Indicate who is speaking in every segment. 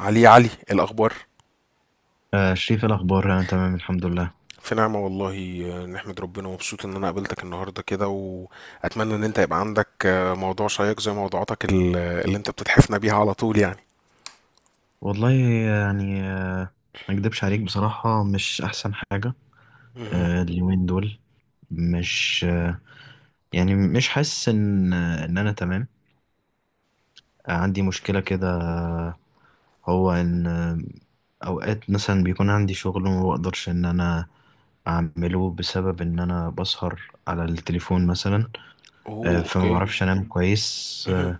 Speaker 1: علي، الأخبار؟
Speaker 2: آه شريف، إيه الأخبار؟ أنا تمام الحمد لله.
Speaker 1: في نعمة والله. نحمد ربنا ومبسوط إن أنا قابلتك النهاردة كده، وأتمنى إن أنت يبقى عندك موضوع شيق زي موضوعاتك اللي أنت بتتحفنا بيها على طول يعني.
Speaker 2: والله يعني آه ما أكدبش عليك، بصراحة مش أحسن حاجة.
Speaker 1: مهم.
Speaker 2: اليومين دول مش آه يعني مش حاسس إن أنا تمام. آه، عندي مشكلة كده. هو إن آه أوقات مثلا بيكون عندي شغل وما بقدرش إن أنا أعمله بسبب إن أنا بسهر على التليفون مثلا. آه،
Speaker 1: أوه،
Speaker 2: فما
Speaker 1: أوكي.
Speaker 2: بعرفش أنام كويس.
Speaker 1: مهم.
Speaker 2: آه،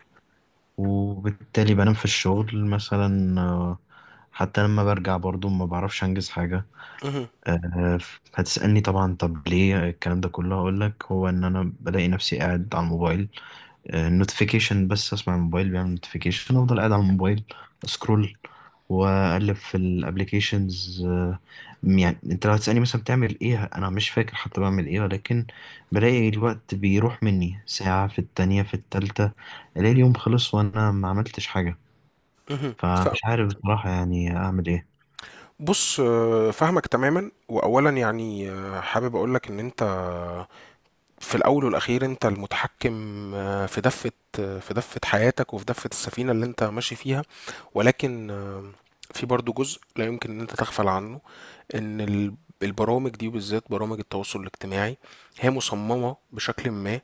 Speaker 2: وبالتالي بنام في الشغل مثلا. آه، حتى لما برجع برضو ما بعرفش أنجز حاجة.
Speaker 1: مهم.
Speaker 2: آه، هتسألني طبعا طب ليه الكلام ده كله؟ هقول لك، هو ان انا بلاقي نفسي قاعد على الموبايل. نوتيفيكيشن، بس اسمع الموبايل بيعمل نوتيفيكيشن افضل قاعد على الموبايل، اسكرول، واقلب في الابليكيشنز. يعني انت لو هتسألني مثلا بتعمل ايه، انا مش فاكر حتى بعمل ايه، ولكن بلاقي الوقت بيروح مني، ساعة في التانية في التالتة، الاقي اليوم خلص وانا ما عملتش حاجة.
Speaker 1: مهم.
Speaker 2: فمش عارف بصراحة يعني اعمل ايه.
Speaker 1: بص، فاهمك تماما، وأولا يعني حابب أقولك إن أنت، في الأول والأخير أنت المتحكم، في دفة، في دفة حياتك وفي دفة السفينة اللي أنت ماشي فيها، ولكن في برضو جزء لا يمكن ان انت تغفل عنه، ان البرامج دي وبالذات برامج التواصل الاجتماعي هي مصممة بشكل ما،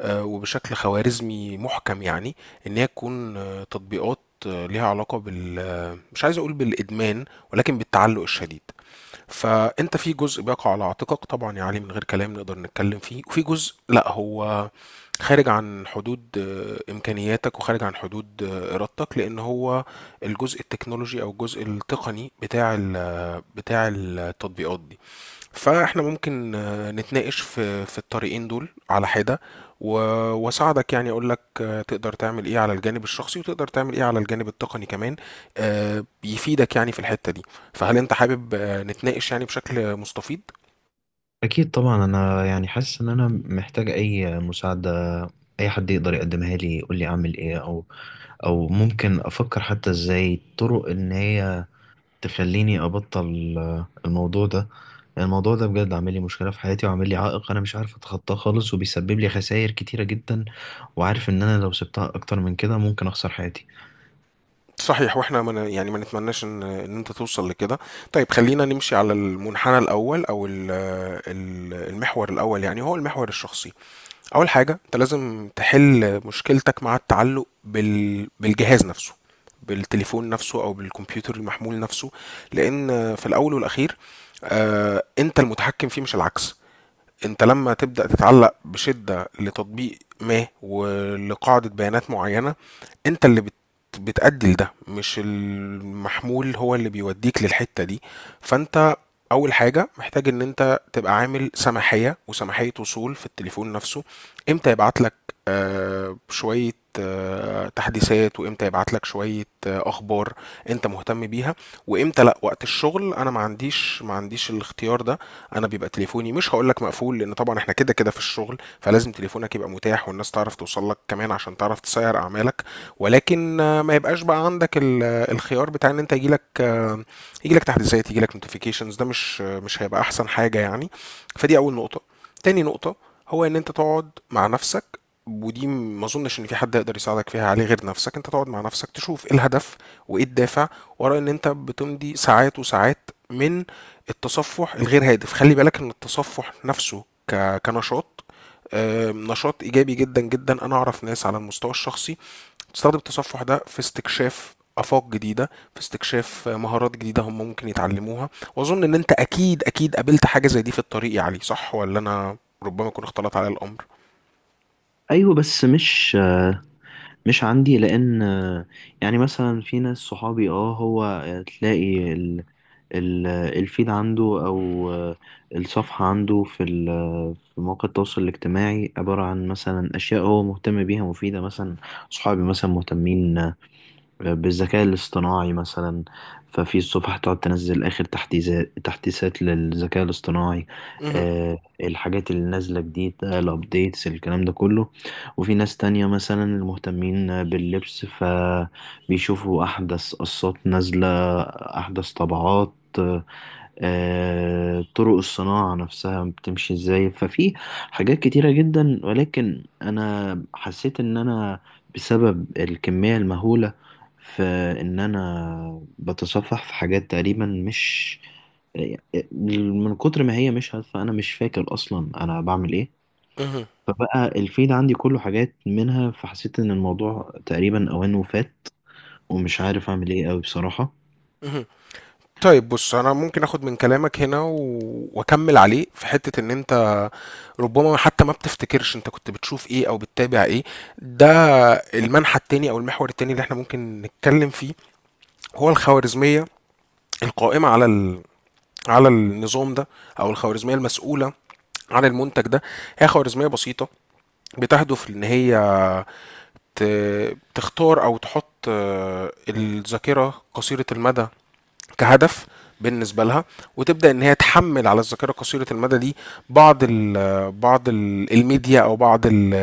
Speaker 1: وبشكل خوارزمي محكم يعني، ان هي تكون تطبيقات ليها علاقة بال مش عايز اقول بالادمان، ولكن بالتعلق الشديد. فانت في جزء بيقع على عاتقك طبعا يا علي، من غير كلام نقدر نتكلم فيه، وفي جزء لا، هو خارج عن حدود امكانياتك، وخارج عن حدود ارادتك، لان هو الجزء التكنولوجي او الجزء التقني بتاع بتاع التطبيقات دي. فاحنا ممكن نتناقش في الطريقين دول على حدة، و- واساعدك يعني، اقول لك تقدر تعمل ايه على الجانب الشخصي، وتقدر تعمل ايه على الجانب التقني كمان، بيفيدك يعني في الحتة دي. فهل انت حابب نتناقش يعني بشكل مستفيض؟
Speaker 2: أكيد طبعا، أنا يعني حاسس إن أنا محتاج أي مساعدة، أي حد يقدر يقدمها لي يقول لي أعمل إيه، أو أو ممكن أفكر حتى إزاي طرق إن هي تخليني أبطل آه، الموضوع ده. يعني الموضوع ده بجد عامل لي مشكلة في حياتي وعامل لي عائق أنا مش عارف أتخطاه خالص، وبيسبب لي خسائر كتيرة جدا، وعارف إن أنا لو سبتها أكتر من كده ممكن أخسر حياتي.
Speaker 1: صحيح، واحنا ما ن- يعني ما نتمناش ان انت توصل لكده. طيب، خلينا نمشي على المنحنى الاول او المحور الاول، يعني هو المحور الشخصي. اول حاجه انت لازم تحل مشكلتك مع التعلق بالجهاز نفسه، بالتليفون نفسه او بالكمبيوتر المحمول نفسه. لان في الاول والاخير انت المتحكم فيه مش العكس. انت لما تبدأ تتعلق بشدة لتطبيق ما ولقاعدة بيانات معينة، انت اللي بتأدي لده، مش المحمول هو اللي بيوديك للحتة دي. فانت اول حاجة محتاج ان انت تبقى عامل سماحية وسماحية وصول في التليفون نفسه. امتى يبعت لك شوية تحديثات، وامتى يبعت لك شوية اخبار انت مهتم بيها، وامتى لا. وقت الشغل انا ما عنديش الاختيار ده. انا بيبقى تليفوني مش هقول لك مقفول، لان طبعا احنا كده كده في الشغل، فلازم تليفونك يبقى متاح والناس تعرف توصل لك كمان عشان تعرف تسير اعمالك، ولكن ما يبقاش بقى عندك الخيار بتاع ان انت يجي لك، تحديثات، يجي لك نوتيفيكيشنز. ده مش مش هيبقى احسن حاجة يعني. فدي اول نقطة. تاني نقطة هو ان انت تقعد مع نفسك. ودي ما اظنش ان في حد يقدر يساعدك فيها عليه غير نفسك. انت تقعد مع نفسك تشوف ايه الهدف وايه الدافع ورا ان انت بتمضي ساعات وساعات من التصفح الغير هادف. خلي بالك ان التصفح نفسه كنشاط، نشاط ايجابي جدا جدا. انا اعرف ناس على المستوى الشخصي تستخدم التصفح ده في استكشاف افاق جديده، في استكشاف مهارات جديده هم ممكن يتعلموها. واظن ان انت اكيد اكيد قابلت حاجه زي دي في الطريق يا علي، صح؟ ولا انا ربما يكون اختلط على الامر؟
Speaker 2: ايوه بس مش آه، مش عندي لان يعني مثلا في ناس صحابي، اه هو تلاقي ال- الفيد عنده او آه، الصفحة عنده في في مواقع التواصل الاجتماعي، عبارة عن مثلا اشياء هو مهتم بيها مفيدة مثلا. صحابي مثلا مهتمين بالذكاء الاصطناعي مثلا، ففي الصفحة تقعد تنزل آخر تحديثات للذكاء الاصطناعي.
Speaker 1: مهم.
Speaker 2: آه الحاجات اللي نازلة جديد، الأبديتس الكلام ده كله. وفي ناس تانية مثلا المهتمين باللبس، فبيشوفوا أحدث قصات نازلة، أحدث طبعات، آه، طرق الصناعة نفسها بتمشي ازاي. ففي حاجات كتيرة جدا، ولكن أنا حسيت إن أنا بسبب الكمية المهولة في ان انا بتصفح في حاجات تقريبا مش، من كتر ما هي مش هادفة انا مش فاكر اصلا انا بعمل ايه.
Speaker 1: مهم.
Speaker 2: فبقى الفيد عندي كله حاجات منها، فحسيت ان الموضوع تقريبا اوانه فات، ومش عارف اعمل ايه قوي بصراحة.
Speaker 1: مهم. طيب، بص انا ممكن اخد من كلامك هنا واكمل عليه في حته ان انت ربما حتى ما بتفتكرش انت كنت بتشوف ايه او بتتابع ايه. ده المنحى التاني او المحور التاني اللي احنا ممكن نتكلم فيه هو الخوارزمية القائمة على النظام ده، او الخوارزمية المسؤولة عن المنتج ده. هي خوارزمية بسيطة بتهدف ان هي تختار او تحط الذاكرة قصيرة المدى كهدف بالنسبه لها. وتبدا ان هي تحمل على الذاكره قصيره المدى دي بعض ال بعض ال الميديا او بعض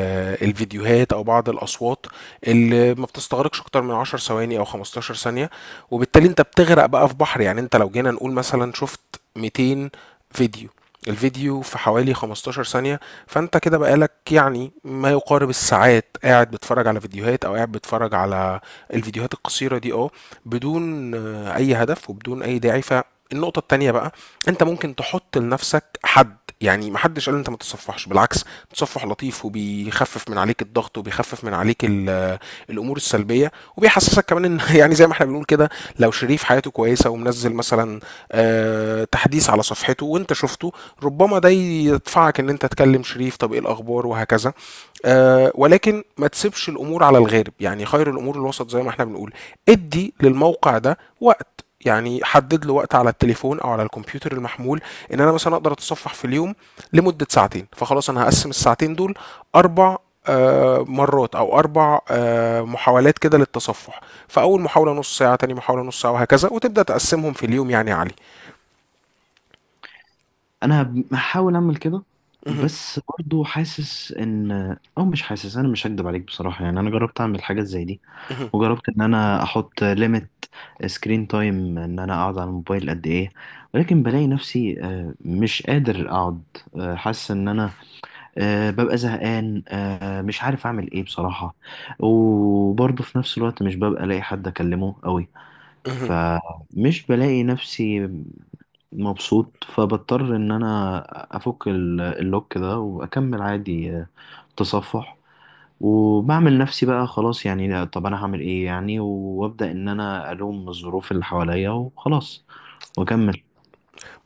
Speaker 1: الفيديوهات، او بعض الاصوات اللي ما بتستغرقش اكتر من 10 ثواني او 15 ثانيه. وبالتالي انت بتغرق بقى في بحر. يعني انت لو جينا نقول مثلا، شفت 200 فيديو، الفيديو في حوالي 15 ثانية، فانت كده بقالك يعني ما يقارب الساعات قاعد بتتفرج على فيديوهات، او قاعد بتتفرج على الفيديوهات القصيرة دي، اه، بدون اي هدف وبدون اي داعي. فالنقطة التانية بقى، انت ممكن تحط لنفسك حد. يعني محدش قال انت ما تتصفحش، بالعكس التصفح لطيف وبيخفف من عليك الضغط، وبيخفف من عليك الامور السلبيه، وبيحسسك كمان ان يعني زي ما احنا بنقول كده، لو شريف حياته كويسه ومنزل مثلا تحديث على صفحته وانت شفته، ربما ده يدفعك ان انت تكلم شريف، طب ايه الاخبار وهكذا. ولكن ما تسيبش الامور على الغارب، يعني خير الامور الوسط زي ما احنا بنقول. ادي للموقع ده وقت، يعني حدد له وقت على التليفون او على الكمبيوتر المحمول. ان انا مثلا اقدر اتصفح في اليوم لمده ساعتين، فخلاص انا هقسم الساعتين دول اربع مرات، او اربع محاولات كده للتصفح. فاول محاوله نص ساعه، تاني محاوله نص ساعه، وهكذا. وتبدا تقسمهم في اليوم يعني يا علي.
Speaker 2: انا بحاول اعمل كده،
Speaker 1: اهم.
Speaker 2: بس برضو حاسس ان، او مش حاسس انا مش هكدب عليك بصراحة، يعني انا جربت اعمل حاجات زي دي،
Speaker 1: اهم.
Speaker 2: وجربت ان انا احط ليميت سكرين تايم ان انا اقعد على الموبايل قد ايه، ولكن بلاقي نفسي آه، مش قادر اقعد. آه، حاسس ان انا آه، ببقى زهقان. آه، مش عارف اعمل ايه بصراحة. وبرضه في نفس الوقت مش ببقى الاقي حد اكلمه قوي،
Speaker 1: اهم.
Speaker 2: فمش بلاقي نفسي مبسوط، فبضطر ان انا افك اللوك ده واكمل عادي آه، تصفح. وبعمل نفسي بقى، خلاص يعني، لا، طب انا هعمل ايه يعني، وابدا ان انا الوم الظروف اللي حواليا وخلاص واكمل.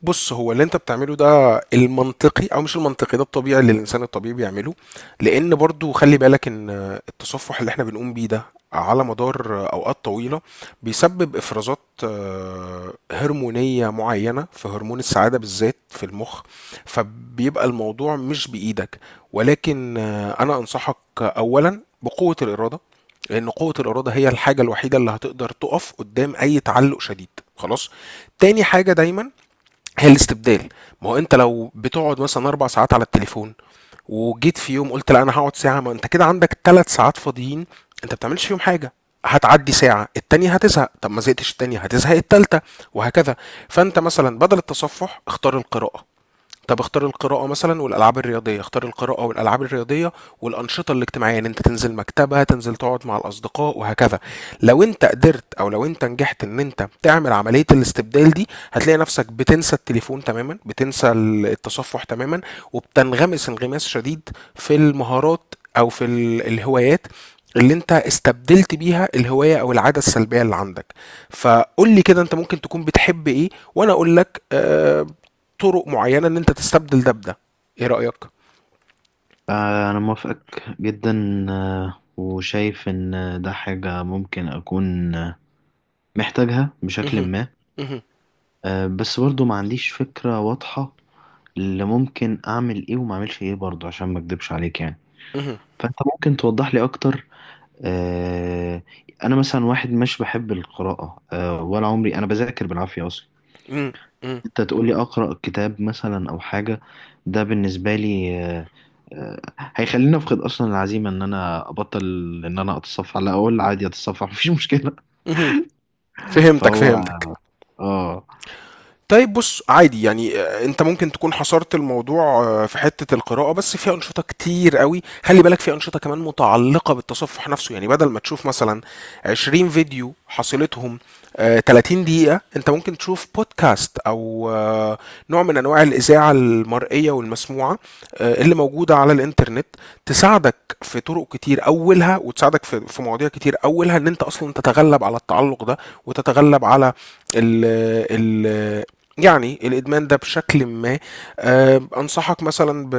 Speaker 1: بص، هو اللي انت بتعمله ده المنطقي او مش المنطقي، ده الطبيعي اللي الانسان الطبيعي بيعمله. لان برضو خلي بالك ان التصفح اللي احنا بنقوم بيه ده على مدار اوقات طويله بيسبب افرازات هرمونيه معينه في هرمون السعاده بالذات في المخ. فبيبقى الموضوع مش بايدك. ولكن انا انصحك اولا بقوه الاراده، لان قوه الاراده هي الحاجه الوحيده اللي هتقدر تقف قدام اي تعلق شديد، خلاص. تاني حاجه دايما هي الاستبدال. ما هو انت لو بتقعد مثلا 4 ساعات على التليفون، وجيت في يوم قلت لا انا هقعد ساعه، ما انت كده عندك 3 ساعات فاضيين انت ما بتعملش فيهم حاجه. هتعدي ساعة التانية هتزهق، طب ما زهقتش التانية هتزهق التالتة وهكذا. فانت مثلا بدل التصفح اختار القراءة. طب اختار القراءة مثلا والألعاب الرياضية، اختار القراءة والألعاب الرياضية والأنشطة الاجتماعية، ان انت تنزل مكتبة، تنزل تقعد مع الأصدقاء وهكذا. لو انت قدرت او لو انت نجحت ان انت تعمل عملية الاستبدال دي، هتلاقي نفسك بتنسى التليفون تماما، بتنسى التصفح تماما، وبتنغمس انغماس شديد في المهارات او في الهوايات اللي انت استبدلت بيها الهواية او العادة السلبية اللي عندك. فقول لي كده، انت ممكن تكون بتحب ايه، وانا اقول لك طرق معينة ان انت تستبدل ده بده. ايه رأيك؟
Speaker 2: آه، انا موافقك جدا آه، وشايف ان ده حاجة ممكن اكون آه، محتاجها بشكل
Speaker 1: مهم.
Speaker 2: ما.
Speaker 1: مهم.
Speaker 2: آه، بس برضو ما عنديش فكرة واضحة اللي ممكن اعمل ايه وما اعملش ايه، برضو عشان ما اكدبش عليك يعني.
Speaker 1: مهم.
Speaker 2: فانت ممكن توضح لي اكتر؟ آه، انا مثلا واحد مش بحب القراءة آه، ولا عمري انا بذاكر بالعافية اصلا.
Speaker 1: مهم. مهم.
Speaker 2: انت تقولي اقرا كتاب مثلا او حاجه، ده بالنسبه لي هيخليني افقد اصلا العزيمه ان انا ابطل ان انا اتصفح، لا اقول عادي اتصفح مفيش مشكله.
Speaker 1: مهم. فهمتك،
Speaker 2: فهو
Speaker 1: فهمتك.
Speaker 2: اه
Speaker 1: طيب بص، عادي يعني، انت ممكن تكون حصرت الموضوع في حتة القراءة بس، في أنشطة كتير قوي خلي بالك، في أنشطة كمان متعلقة بالتصفح نفسه. يعني بدل ما تشوف مثلا 20 فيديو حصيلتهم 30 دقيقة، انت ممكن تشوف بودكاست او نوع من انواع الإذاعة المرئية والمسموعة اللي موجودة على الإنترنت، تساعدك في طرق كتير أولها، وتساعدك في مواضيع كتير أولها ان انت اصلا تتغلب على التعلق ده، وتتغلب على ال ال يعني الإدمان ده بشكل ما. أنصحك مثلا ب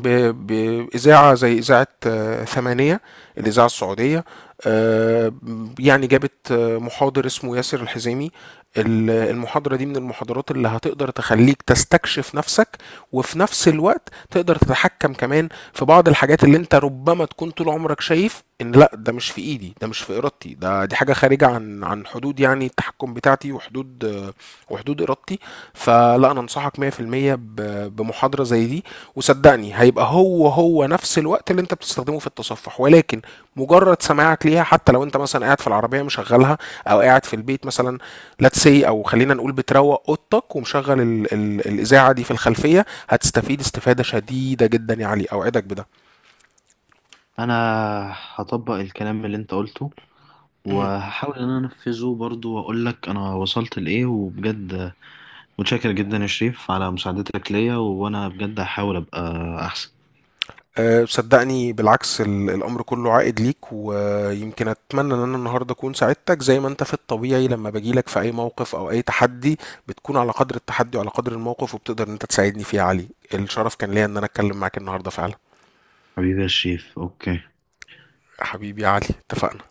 Speaker 1: ب- بإذاعة زي إذاعة ثمانية، الإذاعة السعودية. آه، يعني جابت محاضر اسمه ياسر الحزيمي. المحاضرة دي من المحاضرات اللي هتقدر تخليك تستكشف نفسك، وفي نفس الوقت تقدر تتحكم كمان في بعض الحاجات اللي انت ربما تكون طول عمرك شايف ان لا، ده مش في ايدي، ده مش في ارادتي، ده دي حاجة خارجة عن حدود يعني التحكم بتاعتي، وحدود وحدود ارادتي. فلا، انا انصحك 100% بمحاضرة زي دي. وصدقني هيبقى هو هو نفس الوقت اللي انت بتستخدمه في التصفح، ولكن مجرد سماعك ليها، حتى لو انت مثلا قاعد في العربيه مشغلها، او قاعد في البيت مثلا، لاتس سي، او خلينا نقول بتروق اوضتك ومشغل ال ال الاذاعه دي في الخلفيه، هتستفيد استفاده شديده جدا يا علي، اوعدك بده.
Speaker 2: انا هطبق الكلام اللي انت قلته، وهحاول ان انا انفذه برضو واقول لك انا وصلت لايه. وبجد متشكر جدا يا شريف على مساعدتك ليا، وانا بجد هحاول ابقى احسن.
Speaker 1: أه، صدقني بالعكس، الأمر كله عائد ليك، ويمكن أتمنى إن أنا النهاردة أكون ساعدتك زي ما أنت في الطبيعي لما باجيلك في أي موقف أو أي تحدي، بتكون على قدر التحدي وعلى قدر الموقف، وبتقدر إن أنت تساعدني فيه يا علي. الشرف كان ليا إن أنا أتكلم معاك النهاردة فعلا.
Speaker 2: حبيبي يا شريف، اوكي.
Speaker 1: حبيبي يا علي، اتفقنا.